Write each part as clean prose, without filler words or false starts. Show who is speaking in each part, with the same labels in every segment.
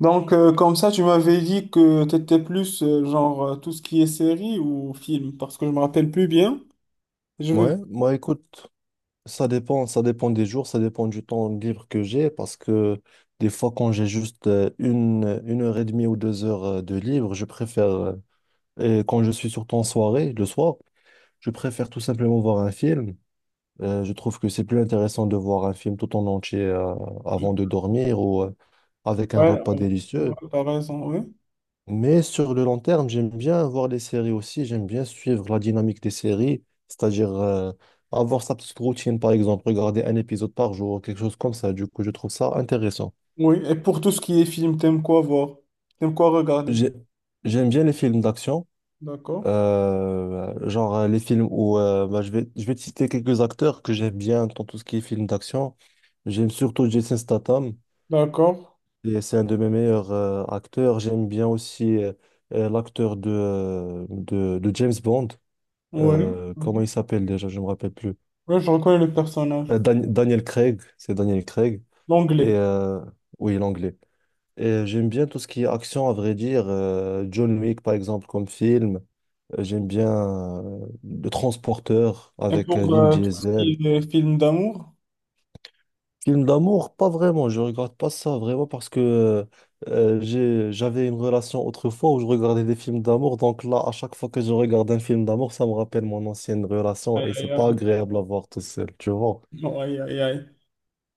Speaker 1: Comme ça, tu m'avais dit que tu étais plus tout ce qui est série ou film, parce que je me rappelle plus bien. Je veux.
Speaker 2: Ouais, moi écoute, ça dépend, des jours, ça dépend du temps libre que j'ai, parce que des fois quand j'ai juste une heure et demie ou deux heures de libre, je préfère, et quand je suis surtout en soirée, le soir, je préfère tout simplement voir un film. Je trouve que c'est plus intéressant de voir un film tout en entier avant de dormir ou avec un
Speaker 1: Ouais,
Speaker 2: repas
Speaker 1: ouais, ouais,
Speaker 2: délicieux.
Speaker 1: t'as raison, oui.
Speaker 2: Mais sur le long terme, j'aime bien voir les séries aussi, j'aime bien suivre la dynamique des séries, c'est-à-dire, avoir sa petite routine, par exemple, regarder un épisode par jour, quelque chose comme ça. Du coup, je trouve ça intéressant.
Speaker 1: Oui, et pour tout ce qui est film, t'aimes quoi voir? T'aimes quoi regarder?
Speaker 2: J'ai- J'aime bien les films d'action,
Speaker 1: D'accord.
Speaker 2: genre, les films où, bah, je vais te citer quelques acteurs que j'aime bien dans tout ce qui est films d'action. J'aime surtout Jason Statham,
Speaker 1: D'accord.
Speaker 2: et c'est un de mes meilleurs acteurs. J'aime bien aussi l'acteur de James Bond.
Speaker 1: Oui.
Speaker 2: Comment il s'appelle déjà, je me rappelle plus.
Speaker 1: Oui, je reconnais le personnage.
Speaker 2: Daniel Craig, c'est Daniel Craig. Et
Speaker 1: L'anglais.
Speaker 2: oui, l'anglais. Et j'aime bien tout ce qui est action, à vrai dire. John Wick, par exemple, comme film. J'aime bien Le Transporteur
Speaker 1: Et
Speaker 2: avec
Speaker 1: pour
Speaker 2: Vin
Speaker 1: tout ce
Speaker 2: Diesel.
Speaker 1: qui est film d'amour?
Speaker 2: Film d'amour, pas vraiment. Je regarde pas ça vraiment parce que j'avais une relation autrefois où je regardais des films d'amour. Donc là, à chaque fois que je regarde un film d'amour, ça me rappelle mon ancienne relation
Speaker 1: Aïe,
Speaker 2: et c'est
Speaker 1: aïe,
Speaker 2: pas
Speaker 1: aïe.
Speaker 2: agréable à voir tout seul, tu vois.
Speaker 1: Non, aïe, aïe, aïe.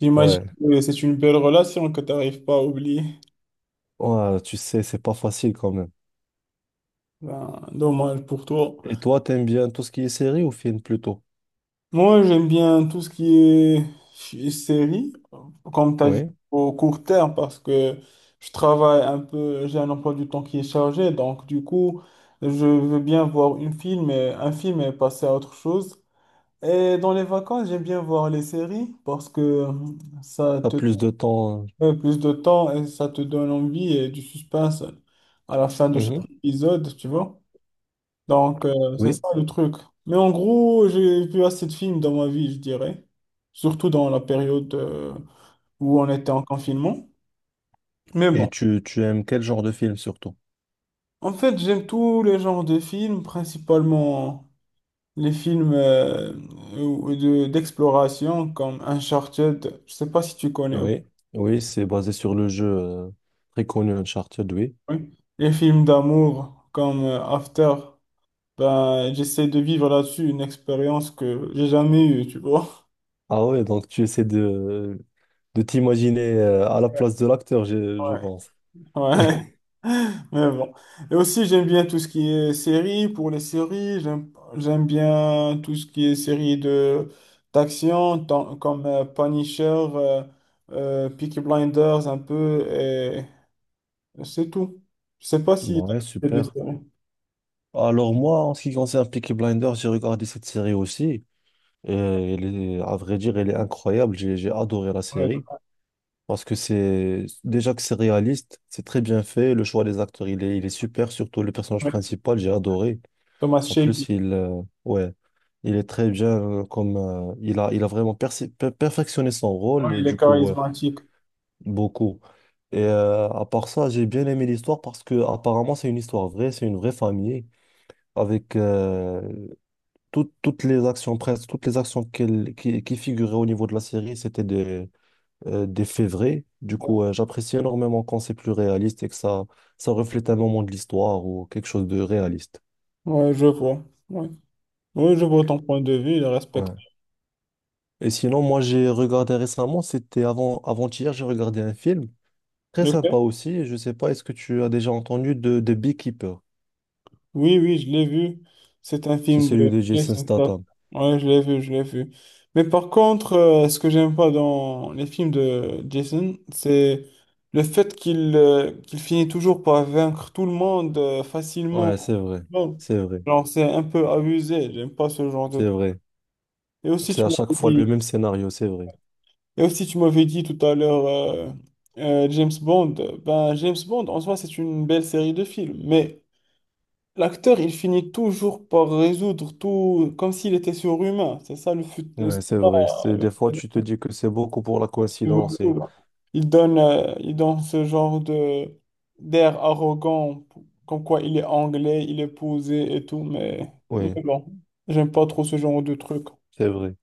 Speaker 1: J'imagine
Speaker 2: Ouais.
Speaker 1: que c'est une belle relation que tu n'arrives pas à oublier.
Speaker 2: Ouais, tu sais, c'est pas facile quand même.
Speaker 1: Ben, dommage pour toi.
Speaker 2: Et toi, t'aimes bien tout ce qui est série ou film plutôt?
Speaker 1: Moi, j'aime bien tout ce qui est série, comme tu as dit,
Speaker 2: Oui.
Speaker 1: au court terme, parce que je travaille un peu, j'ai un emploi du temps qui est chargé, donc du coup, je veux bien voir un film et passer à autre chose. Et dans les vacances, j'aime bien voir les séries parce que ça
Speaker 2: T'as
Speaker 1: te
Speaker 2: plus de temps.
Speaker 1: donne plus de temps et ça te donne envie et du suspense à la fin de
Speaker 2: Mhm.
Speaker 1: chaque épisode, tu vois. C'est
Speaker 2: Oui.
Speaker 1: ça le truc. Mais en gros, j'ai vu assez de films dans ma vie, je dirais. Surtout dans la période où on était en confinement. Mais
Speaker 2: Et
Speaker 1: bon,
Speaker 2: tu aimes quel genre de film surtout?
Speaker 1: en fait, j'aime tous les genres de films, principalement les films d'exploration comme Uncharted. Je sais pas si tu connais.
Speaker 2: Oui. Oui, c'est basé sur le jeu très connu Uncharted, oui.
Speaker 1: Oui. Les films d'amour comme After. Ben, j'essaie de vivre là-dessus une expérience que j'ai jamais eue, tu vois.
Speaker 2: Ah ouais, donc de t'imaginer à la place de l'acteur, je pense.
Speaker 1: Ouais. Mais bon. Et aussi, j'aime bien tout ce qui est série pour les séries. J'aime bien tout ce qui est série de d'action, comme Punisher, Peaky Blinders, un peu, et c'est tout. Je sais pas si
Speaker 2: Ouais,
Speaker 1: t'as fait des
Speaker 2: super.
Speaker 1: séries.
Speaker 2: Alors moi, en ce qui concerne Peaky Blinders, j'ai regardé cette série aussi. Et à vrai dire, elle est incroyable. J'ai adoré la
Speaker 1: Ouais,
Speaker 2: série. Parce que c'est déjà que c'est réaliste, c'est très bien fait. Le choix des acteurs, il est super, surtout le personnage
Speaker 1: ouais.
Speaker 2: principal, j'ai adoré.
Speaker 1: Thomas
Speaker 2: En plus,
Speaker 1: Shelby.
Speaker 2: ouais, il est très bien comme, il a vraiment perfectionné son
Speaker 1: Ouais,
Speaker 2: rôle et
Speaker 1: il est
Speaker 2: du coup,
Speaker 1: charismatique.
Speaker 2: beaucoup. Et à part ça, j'ai bien aimé l'histoire parce que apparemment, c'est une histoire vraie, c'est une vraie famille avec toutes les actions, presque toutes les actions qui figuraient au niveau de la série, c'était des faits vrais. Du coup, j'apprécie énormément quand c'est plus réaliste et ça reflète un moment de l'histoire ou quelque chose de réaliste.
Speaker 1: Ouais, je vois. Ouais. Ouais, je vois ton point de vue, je respecte.
Speaker 2: Ouais. Et sinon, moi, j'ai regardé récemment, c'était avant-hier, j'ai regardé un film très sympa aussi. Je sais pas, est-ce que tu as déjà entendu de Beekeeper?
Speaker 1: Oui, oui, je l'ai vu. C'est un
Speaker 2: C'est
Speaker 1: film
Speaker 2: celui
Speaker 1: de
Speaker 2: de Jason
Speaker 1: Jason Statham.
Speaker 2: Statham.
Speaker 1: Ouais, je l'ai vu, je l'ai vu. Mais par contre, ce que j'aime pas dans les films de Jason, c'est le fait qu'il finit toujours par vaincre tout le monde facilement.
Speaker 2: Ouais, c'est vrai,
Speaker 1: Bon,
Speaker 2: c'est vrai,
Speaker 1: genre, c'est un peu abusé. J'aime pas ce genre de
Speaker 2: c'est
Speaker 1: truc.
Speaker 2: vrai.
Speaker 1: Et aussi,
Speaker 2: C'est
Speaker 1: tu
Speaker 2: à chaque
Speaker 1: m'avais
Speaker 2: fois le
Speaker 1: dit,
Speaker 2: même scénario, c'est vrai.
Speaker 1: et aussi, tu m'avais dit tout à l'heure James Bond. Ben, James Bond, en soi, c'est une belle série de films. Mais l'acteur, il finit toujours par résoudre tout comme s'il était surhumain. C'est ça c'est
Speaker 2: Ouais, c'est
Speaker 1: ça,
Speaker 2: vrai. C'est,
Speaker 1: euh,
Speaker 2: des fois, tu te dis que c'est beaucoup pour la coïncidence. Et...
Speaker 1: il donne, il donne ce genre de d'air arrogant, comme quoi il est anglais, il est posé et tout, mais
Speaker 2: Oui.
Speaker 1: bon, j'aime pas trop ce genre de truc.
Speaker 2: C'est vrai.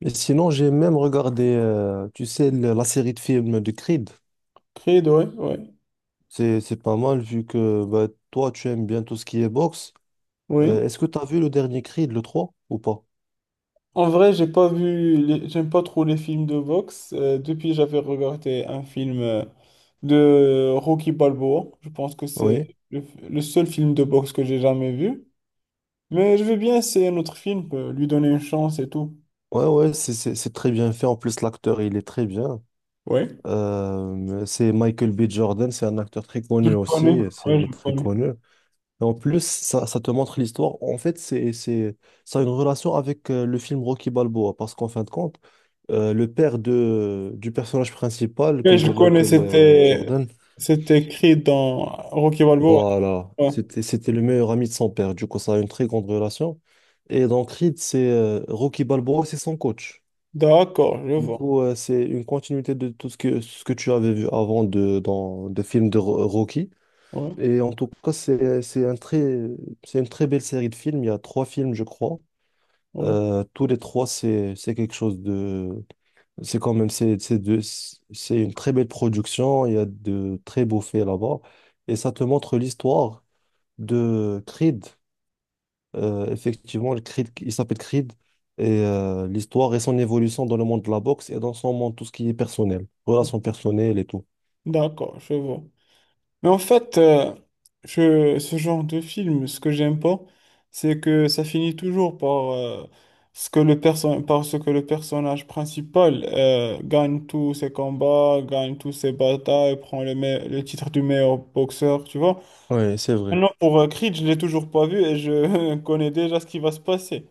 Speaker 2: Et sinon, j'ai même regardé, tu sais, la série de films de Creed.
Speaker 1: Creed, ouais, ouais,
Speaker 2: C'est pas mal vu que bah, toi, tu aimes bien tout ce qui est boxe.
Speaker 1: oui.
Speaker 2: Est-ce que tu as vu le dernier Creed, le 3 ou pas?
Speaker 1: En vrai, j'ai pas vu, j'aime pas trop les films de boxe. Depuis, j'avais regardé un film de Rocky Balboa. Je pense que c'est
Speaker 2: Oui.
Speaker 1: le, le seul film de boxe que j'ai jamais vu. Mais je vais bien essayer un autre film, lui donner une chance et tout.
Speaker 2: Ouais, ouais, c'est très bien fait. En plus, l'acteur, il est très bien.
Speaker 1: Oui.
Speaker 2: C'est Michael B. Jordan, c'est un acteur très
Speaker 1: Je
Speaker 2: connu
Speaker 1: le connais.
Speaker 2: aussi.
Speaker 1: Ouais,
Speaker 2: Il
Speaker 1: je
Speaker 2: est
Speaker 1: le
Speaker 2: très
Speaker 1: connais.
Speaker 2: connu. Et en plus, ça te montre l'histoire. En fait, ça a une relation avec le film Rocky Balboa, parce qu'en fin de compte, le père du personnage principal
Speaker 1: Ouais,
Speaker 2: que
Speaker 1: je le
Speaker 2: joue
Speaker 1: connais,
Speaker 2: Michael
Speaker 1: c'était,
Speaker 2: Jordan,
Speaker 1: c'était écrit dans Rocky Balboa.
Speaker 2: voilà,
Speaker 1: Ouais.
Speaker 2: c'était le meilleur ami de son père. Du coup, ça a une très grande relation. Et dans Creed, c'est Rocky Balboa, c'est son coach.
Speaker 1: D'accord, je
Speaker 2: Du
Speaker 1: vois.
Speaker 2: coup, c'est une continuité de tout ce que, tu avais vu dans des films de Rocky.
Speaker 1: Ouais,
Speaker 2: Et en tout cas, c'est une très belle série de films. Il y a trois films, je crois.
Speaker 1: ouais.
Speaker 2: Tous les trois, c'est quelque chose de... C'est quand même... c'est une très belle production. Il y a de très beaux faits là-bas. Et ça te montre l'histoire de Creed. Effectivement, le Creed, il s'appelle Creed. Et l'histoire et son évolution dans le monde de la boxe et dans son monde, tout ce qui est personnel. Relations personnelles et tout.
Speaker 1: D'accord, je vois. Mais en fait, je, ce genre de film, ce que j'aime pas, c'est que ça finit toujours par, ce que par ce que le personnage principal gagne tous ses combats, gagne tous ses batailles, prend le titre du meilleur boxeur, tu vois.
Speaker 2: Oui, c'est vrai.
Speaker 1: Maintenant, pour Creed, je l'ai toujours pas vu et je connais déjà ce qui va se passer.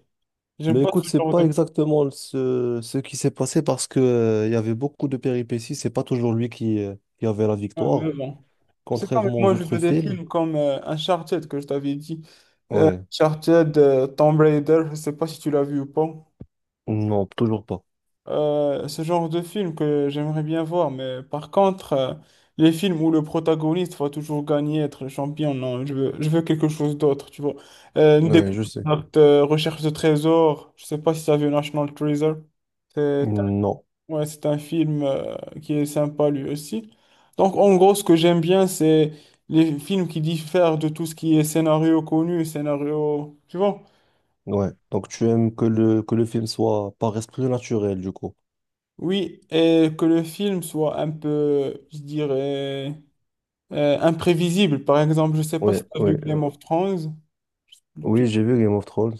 Speaker 1: J'aime
Speaker 2: Mais
Speaker 1: pas
Speaker 2: écoute,
Speaker 1: ce
Speaker 2: c'est
Speaker 1: genre
Speaker 2: pas
Speaker 1: de.
Speaker 2: exactement ce qui s'est passé parce que, il y avait beaucoup de péripéties. C'est pas toujours lui qui avait la
Speaker 1: Ouais, mais
Speaker 2: victoire,
Speaker 1: bon. C'est comme
Speaker 2: contrairement aux
Speaker 1: moi, je veux
Speaker 2: autres
Speaker 1: des
Speaker 2: films.
Speaker 1: films comme Uncharted que je t'avais dit.
Speaker 2: Ouais,
Speaker 1: Uncharted, Tomb Raider, je sais pas si tu l'as vu ou pas.
Speaker 2: non, toujours pas.
Speaker 1: Ce genre de film que j'aimerais bien voir, mais par contre, les films où le protagoniste va toujours gagner, être le champion, non, je veux quelque chose d'autre, tu vois. Une
Speaker 2: Ouais, je sais.
Speaker 1: découverte, recherche de trésors, je sais pas si ça vu National Treasure. C'est.
Speaker 2: Non,
Speaker 1: Ouais, c'est un film qui est sympa lui aussi. Donc, en gros, ce que j'aime bien, c'est les films qui diffèrent de tout ce qui est scénario connu, scénario, tu vois?
Speaker 2: ouais. Donc tu aimes que que le film soit par esprit naturel, du coup.
Speaker 1: Oui, et que le film soit un peu, je dirais, imprévisible. Par exemple, je sais pas si
Speaker 2: Ouais,
Speaker 1: tu as
Speaker 2: ouais.
Speaker 1: vu Game of Thrones. Tu-
Speaker 2: Oui, j'ai vu Game of Thrones.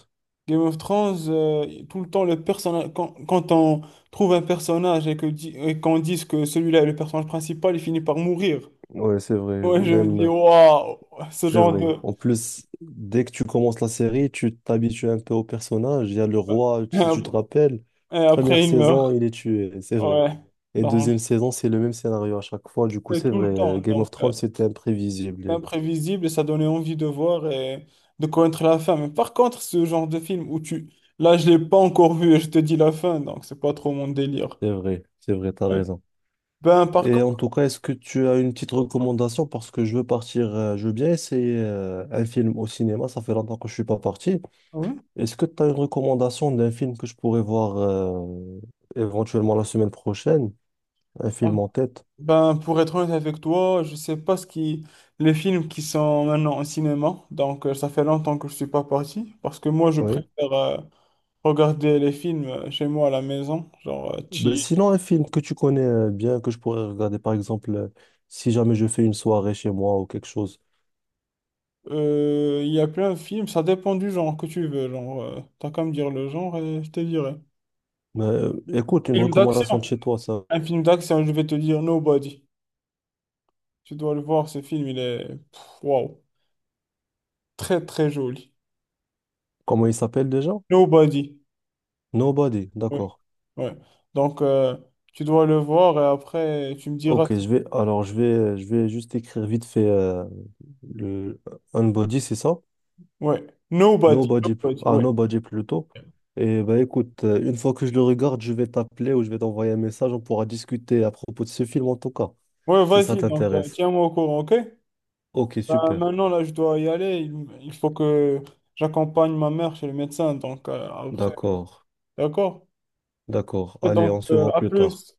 Speaker 1: Game of Thrones, tout le temps, le personnage, quand on trouve un personnage et et qu'on dise que celui-là est le personnage principal, il finit par mourir.
Speaker 2: Ouais, c'est vrai.
Speaker 1: Ouais, je me dis,
Speaker 2: Même.
Speaker 1: waouh, ce
Speaker 2: C'est
Speaker 1: genre
Speaker 2: vrai.
Speaker 1: de,
Speaker 2: En plus, dès que tu commences la série, tu t'habitues un peu au personnage. Il y a le roi,
Speaker 1: Et
Speaker 2: si
Speaker 1: ap-
Speaker 2: tu te rappelles,
Speaker 1: et après,
Speaker 2: première
Speaker 1: il
Speaker 2: saison,
Speaker 1: meurt.
Speaker 2: il est tué, c'est vrai.
Speaker 1: Ouais.
Speaker 2: Et
Speaker 1: Donc,
Speaker 2: deuxième saison, c'est le même scénario à chaque fois. Du coup,
Speaker 1: c'est
Speaker 2: c'est
Speaker 1: tout le temps.
Speaker 2: vrai. Game of Thrones, c'était
Speaker 1: C'est
Speaker 2: imprévisible.
Speaker 1: imprévisible et ça donnait envie de voir et de connaître la fin. Mais par contre, ce genre de film où tu. Là, je l'ai pas encore vu et je te dis la fin, donc c'est pas trop mon délire.
Speaker 2: C'est vrai, t'as
Speaker 1: Ouais.
Speaker 2: raison.
Speaker 1: Ben, par
Speaker 2: Et
Speaker 1: contre,
Speaker 2: en tout cas, est-ce que tu as une petite recommandation? Parce que je veux partir, je veux bien essayer un film au cinéma. Ça fait longtemps que je suis pas parti.
Speaker 1: oui.
Speaker 2: Est-ce que tu as une recommandation d'un film que je pourrais voir éventuellement la semaine prochaine? Un film
Speaker 1: Pardon.
Speaker 2: en tête,
Speaker 1: Ben, pour être honnête avec toi, je sais pas ce qui. Les films qui sont maintenant au cinéma. Donc, ça fait longtemps que je suis pas parti. Parce que moi, je
Speaker 2: oui.
Speaker 1: préfère regarder les films chez moi à la maison. Genre,
Speaker 2: Mais
Speaker 1: chill.
Speaker 2: sinon, un film que tu connais bien, que je pourrais regarder, par exemple, si jamais je fais une soirée chez moi ou quelque chose.
Speaker 1: Il y a plein de films, ça dépend du genre que tu veux. Genre, t'as qu'à me dire le genre et je te dirai.
Speaker 2: Mais écoute, une
Speaker 1: Film
Speaker 2: recommandation de
Speaker 1: d'action.
Speaker 2: chez toi, ça.
Speaker 1: Un film d'action, je vais te dire Nobody. Tu dois le voir, ce film, il est pff, waouh. Très, très joli.
Speaker 2: Comment il s'appelle déjà?
Speaker 1: Nobody.
Speaker 2: Nobody,
Speaker 1: Ouais,
Speaker 2: d'accord.
Speaker 1: ouais. Donc, tu dois le voir et après, tu me diras
Speaker 2: Ok,
Speaker 1: si-.
Speaker 2: je vais, alors je vais juste écrire vite fait le Unbody, c'est ça?
Speaker 1: Ouais. Nobody.
Speaker 2: Nobody,
Speaker 1: Nobody. Ouais.
Speaker 2: Nobody plutôt. Et bah écoute, une fois que je le regarde, je vais t'appeler ou je vais t'envoyer un message, on pourra discuter à propos de ce film en tout cas,
Speaker 1: Ouais,
Speaker 2: si ça
Speaker 1: vas-y, donc,
Speaker 2: t'intéresse.
Speaker 1: tiens-moi au courant, ok?
Speaker 2: Ok,
Speaker 1: Ben,
Speaker 2: super.
Speaker 1: maintenant, là, je dois y aller. Il faut que j'accompagne ma mère chez le médecin, donc, après.
Speaker 2: D'accord.
Speaker 1: D'accord?
Speaker 2: D'accord.
Speaker 1: Et
Speaker 2: Allez,
Speaker 1: donc,
Speaker 2: on se voit
Speaker 1: à
Speaker 2: plus tard.
Speaker 1: plus.